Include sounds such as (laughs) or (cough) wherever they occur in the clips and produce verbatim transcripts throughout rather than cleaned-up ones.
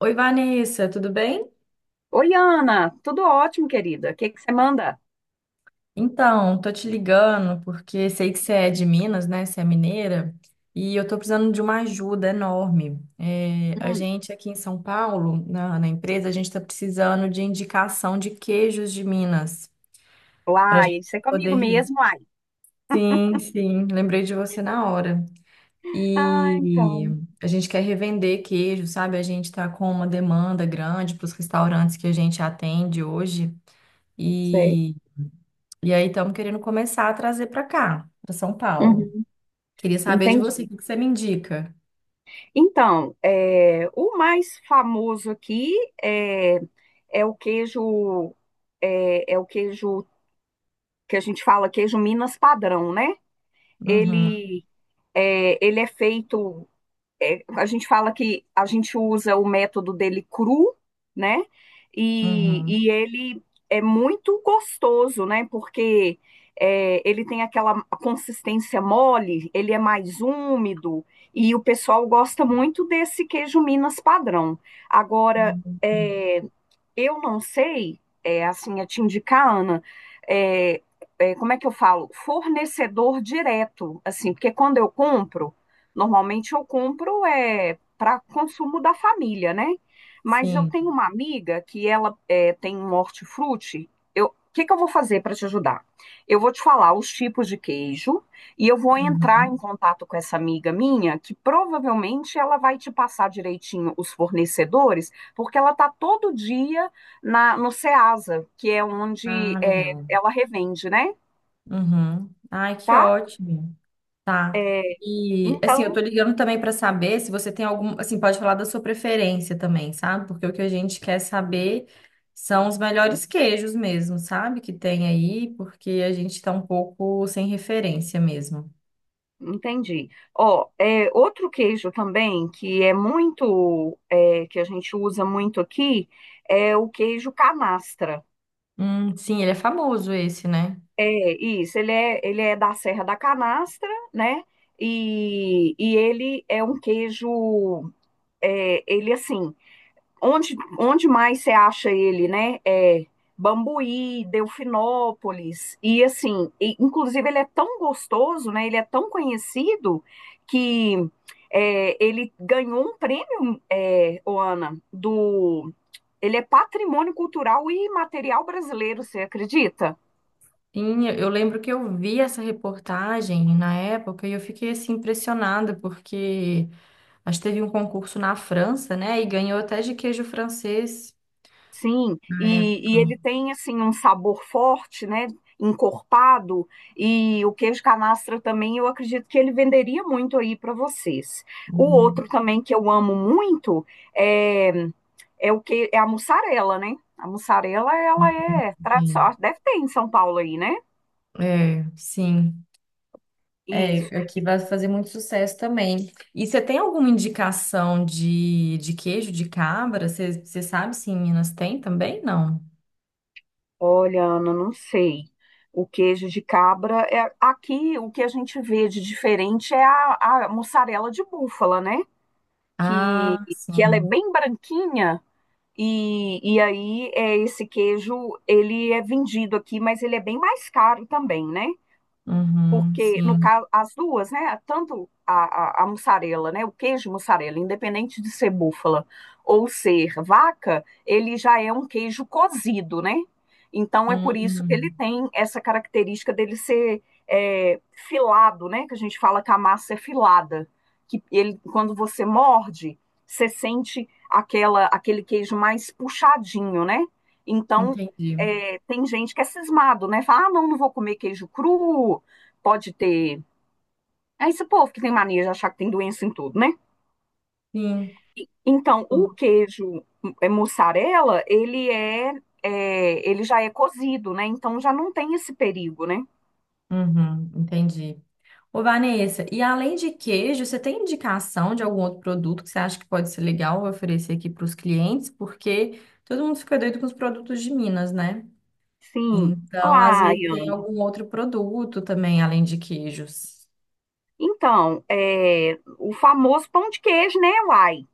Oi, Vanessa, tudo bem? Oi, Ana, tudo ótimo, querida. O que que você manda? Então, tô te ligando porque sei que você é de Minas, né? Você é mineira, e eu tô precisando de uma ajuda enorme. É, a Hum. gente aqui em São Paulo, na, na empresa, a gente tá precisando de indicação de queijos de Minas pra Uai, gente isso é comigo poder. mesmo, ai. Sim, sim, lembrei de você na hora. Ah, E então, a gente quer revender queijo, sabe? A gente tá com uma demanda grande para os restaurantes que a gente atende hoje. sei. e E aí estamos querendo começar a trazer para cá, para São Paulo. Uhum, Queria saber de entendi. você, o que que você me indica? Então, é, o mais famoso aqui é, é o queijo, é, é o queijo que a gente fala queijo Minas padrão, né? Uhum, Ele é, ele é feito, é, a gente fala que a gente usa o método dele cru, né? E, uhum, e ele é muito gostoso, né? Porque é, ele tem aquela consistência mole, ele é mais úmido, e o pessoal gosta muito desse queijo Minas padrão. Agora, uhum. é, eu não sei, é, assim, é te indicar, Ana, é, é, como é que eu falo? Fornecedor direto, assim, porque quando eu compro, normalmente eu compro é, para consumo da família, né? Mas eu Sim. tenho uma amiga que ela é, tem um hortifruti. Eu, o que que eu vou fazer para te ajudar? Eu vou te falar os tipos de queijo e eu vou entrar em Uhum. contato com essa amiga minha, que provavelmente ela vai te passar direitinho os fornecedores, porque ela está todo dia na, no Ceasa, que é onde Ah, é, legal. ela revende, né? Uhum. Ai, que Tá? ótimo. Tá. É, E assim, eu Então, tô ligando também para saber se você tem algum, assim, pode falar da sua preferência também, sabe? Porque o que a gente quer saber são os melhores queijos mesmo, sabe? Que tem aí, porque a gente tá um pouco sem referência mesmo. entendi. Ó, é, outro queijo também que é muito, é, que a gente usa muito aqui, é o queijo canastra. Hum, sim, ele é famoso esse, né? É isso, ele é, ele é da Serra da Canastra, né? E, e ele é um queijo, é, ele assim, Onde, onde mais você acha ele, né? É Bambuí, Delfinópolis, e assim, e, inclusive ele é tão gostoso, né? Ele é tão conhecido que é, ele ganhou um prêmio, é, ô do. Ele é patrimônio cultural e material brasileiro, você acredita? Sim, eu eu lembro que eu vi essa reportagem na época e eu fiquei assim impressionada porque acho que teve um concurso na França, né? E ganhou até de queijo francês Sim, na e, e época. ele tem assim um sabor forte, né? Encorpado, e o queijo canastra também eu acredito que ele venderia muito aí para vocês. O Hum. outro também que eu amo muito é, é o que é a mussarela, né? A mussarela ela é Enfim. tradicional, deve ter em São Paulo aí, né? É, sim. Isso. É, aqui vai fazer muito sucesso também. E você tem alguma indicação de, de queijo de cabra? Você você sabe se em Minas tem também? Não. Olha, Ana, não sei. O queijo de cabra é aqui o que a gente vê de diferente é a, a mussarela de búfala, né? que, Ah, que ela é sim. bem branquinha, e, e aí é, esse queijo, ele é vendido aqui, mas ele é bem mais caro também, né? Uhum, Porque no sim. caso as duas, né, tanto a, a, a mussarela, né, o queijo mussarela, independente de ser búfala ou ser vaca, ele já é um queijo cozido, né? Então é por isso que ele Uhum, tem essa característica dele ser é, filado, né? Que a gente fala que a massa é filada, que ele quando você morde, você sente aquela aquele queijo mais puxadinho, né? Então entendi. é, tem gente que é cismado, né? Fala, ah, não, não vou comer queijo cru, pode ter. É esse povo que tem mania de achar que tem doença em tudo, né? Sim. E- Então, o queijo é, mussarela, ele é, é, ele já é cozido, né? Então já não tem esse perigo, né? Uhum, entendi. Ô, Vanessa, e além de queijo, você tem indicação de algum outro produto que você acha que pode ser legal oferecer aqui para os clientes? Porque todo mundo fica doido com os produtos de Minas, né? Sim. Então, às Olá, vezes tem Ian. algum outro produto também, além de queijos. Então, é, o famoso pão de queijo, né, uai?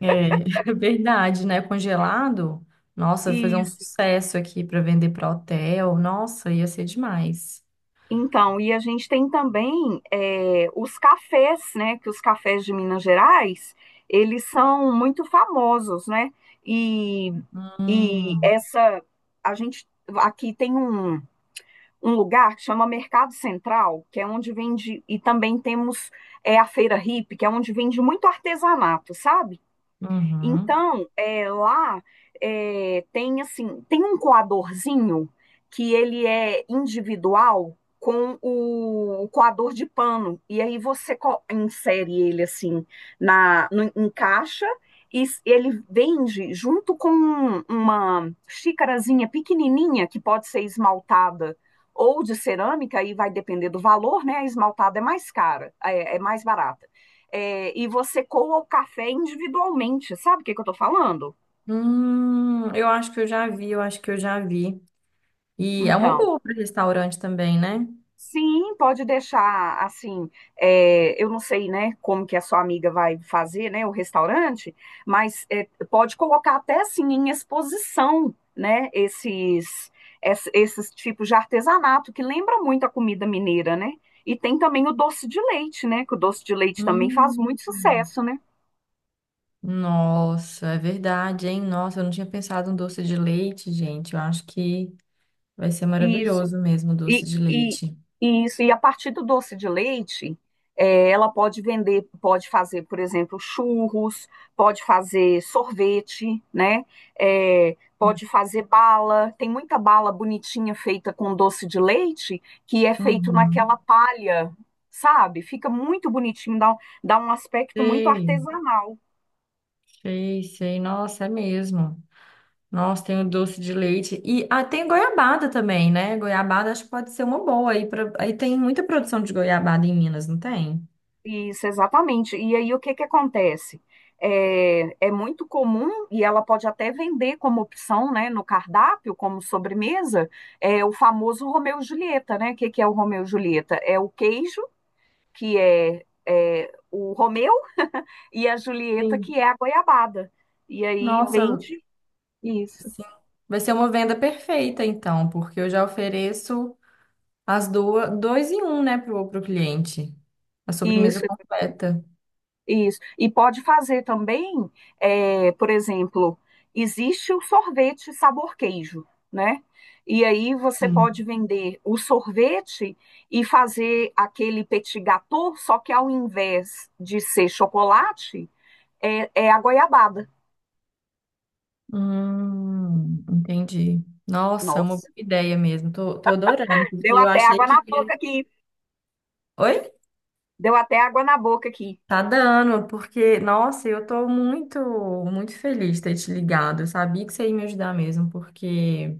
É, (laughs) é verdade, né? Congelado, nossa, vai fazer um Isso. sucesso aqui para vender para hotel. Nossa, ia ser demais. Então, e a gente tem também eh, os cafés, né? Que os cafés de Minas Gerais, eles são muito famosos, né? E, e Hum, essa, a gente aqui tem um, um lugar que chama Mercado Central, que é onde vende, e também temos é, a Feira Hippie, que é onde vende muito artesanato, sabe? uhum. Então, é, lá é, tem assim, tem um coadorzinho que ele é individual com o, o coador de pano. E aí você co- insere ele assim na no- em caixa e s- ele vende junto com uma xícarazinha pequenininha que pode ser esmaltada ou de cerâmica, aí vai depender do valor, né? A esmaltada é mais cara, é é mais barata, é, e você coa o café individualmente, sabe o que que eu tô falando? Hum, eu acho que eu já vi, eu acho que eu já vi. E é uma Então, boa para restaurante também, né? sim, pode deixar assim, é, eu não sei, né, como que a sua amiga vai fazer, né, o restaurante, mas é, pode colocar até assim em exposição, né, esses, es- esses tipos de artesanato que lembra muito a comida mineira, né? E tem também o doce de leite, né? Que o doce de leite também faz muito Hum. sucesso, né? Nossa, é verdade, hein? Nossa, eu não tinha pensado em doce de leite, gente. Eu acho que vai ser Isso. maravilhoso mesmo o doce E, de e, leite. e isso, e a partir do doce de leite, eh, ela pode vender, pode fazer, por exemplo, churros, pode fazer sorvete, né? Eh, pode fazer bala. Tem muita bala bonitinha feita com doce de leite, que é feito naquela Uhum. palha, sabe? Fica muito bonitinho, dá, um- dá um aspecto muito Sei, artesanal. sei, sei. Nossa, é mesmo. Nossa, tem o doce de leite. E ah, tem goiabada também, né? Goiabada acho que pode ser uma boa. Aí, pra... aí tem muita produção de goiabada em Minas, não tem? Isso, exatamente. E aí o que que acontece? É, é muito comum, e ela pode até vender como opção, né, no cardápio, como sobremesa, é o famoso Romeu e Julieta, né? O que que é o Romeu e Julieta? É o queijo, que é, é o Romeu, e a Julieta, Sim. que é a goiabada. E aí Nossa. vende isso. Sim. Vai ser uma venda perfeita, então, porque eu já ofereço as duas, dois em um, né, pro, pro cliente. A sobremesa Isso. completa. Isso. E pode fazer também, é, por exemplo, existe o sorvete sabor queijo, né? E aí você pode Sim. vender o sorvete e fazer aquele petit gâteau, só que ao invés de ser chocolate, é, é a goiabada. Hum, entendi. Nossa, é uma boa Nossa, ideia mesmo. Tô, tô adorando, porque deu eu até achei água que na eu boca ia... aqui. Oi? Deu até água na boca aqui. Tá dando, porque, nossa, eu tô muito, muito feliz de ter te ligado. Eu sabia que você ia me ajudar mesmo, porque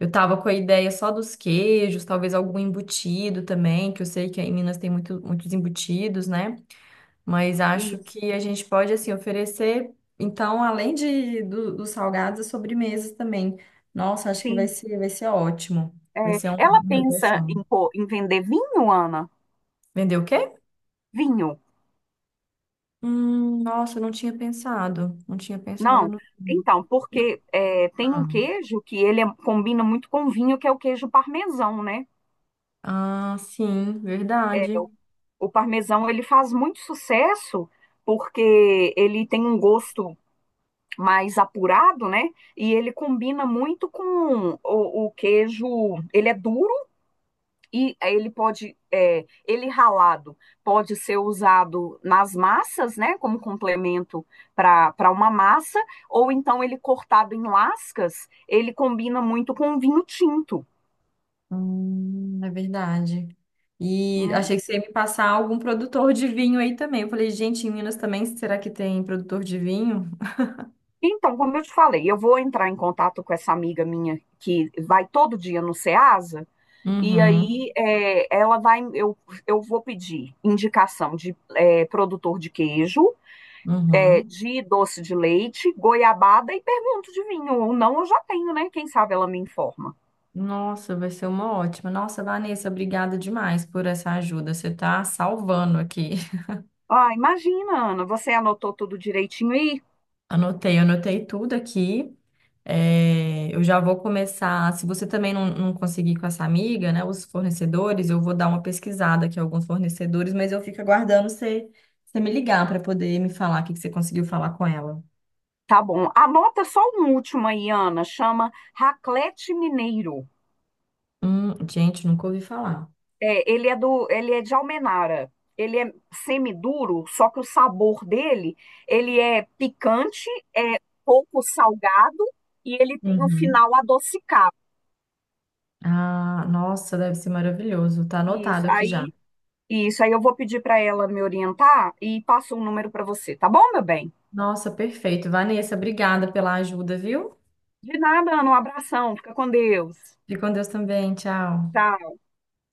eu tava com a ideia só dos queijos, talvez algum embutido também, que eu sei que aí em Minas tem muito, muitos embutidos, né? Mas acho Isso. que a gente pode, assim, oferecer, então, além de, do- dos salgados, as sobremesas também. Nossa, acho que vai Sim. ser, vai ser ótimo. Vai É, ser um- ela uma pensa negociação. em, pô, em vender vinho, Ana? Vender o quê? Vinho. Hum, nossa, eu não tinha pensado. Não tinha pensado Não, no vinho. então, porque é, tem um Ah, queijo que ele é- combina muito com vinho, que é o queijo parmesão, né? ah, sim, É, o, verdade. o parmesão ele faz muito sucesso porque ele tem um gosto mais apurado, né? E ele combina muito com o, o queijo. Ele é duro e ele pode, é, ele ralado pode ser usado nas massas, né, como complemento para uma massa, ou então ele cortado em lascas, ele combina muito com vinho tinto, Hum, é verdade. E né? achei que você ia me passar algum produtor de vinho aí também. Eu falei, gente, em Minas também, será que tem produtor de vinho? Então, como eu te falei, eu vou entrar em contato com essa amiga minha que vai todo dia no Ceasa, e Uhum, aí é, ela vai, eu, eu vou pedir indicação de é, produtor de queijo, é, uhum. de doce de leite, goiabada e pergunto de vinho. Ou não, eu já tenho, né? Quem sabe ela me informa. Nossa, vai ser uma ótima. Nossa, Vanessa, obrigada demais por essa ajuda. Você tá salvando aqui. (laughs) Ah, imagina, Ana, você anotou tudo direitinho aí? Anotei, anotei tudo aqui. É, eu já vou começar. Se você também não, não conseguir com essa amiga, né, os fornecedores, eu vou dar uma pesquisada aqui, alguns fornecedores, mas eu fico aguardando você, você me ligar para poder me falar o que que você conseguiu falar com ela. Tá bom. Anota só um último aí, Ana. Chama Raclete Mineiro. Hum, gente, nunca ouvi falar. É, ele é do, ele é de Almenara. Ele é semiduro, só que o sabor dele, ele é picante, é pouco salgado e ele tem um Uhum. final adocicado. Ah, nossa, deve ser maravilhoso. Tá Isso. anotado aqui já. Aí Isso, aí eu vou pedir para ela me orientar e passo o número para você, tá bom, meu bem? Nossa, perfeito. Vanessa, obrigada pela ajuda, viu? De nada, Ana, um abração, fica com Deus. Fique com Deus também. Tchau. Tchau.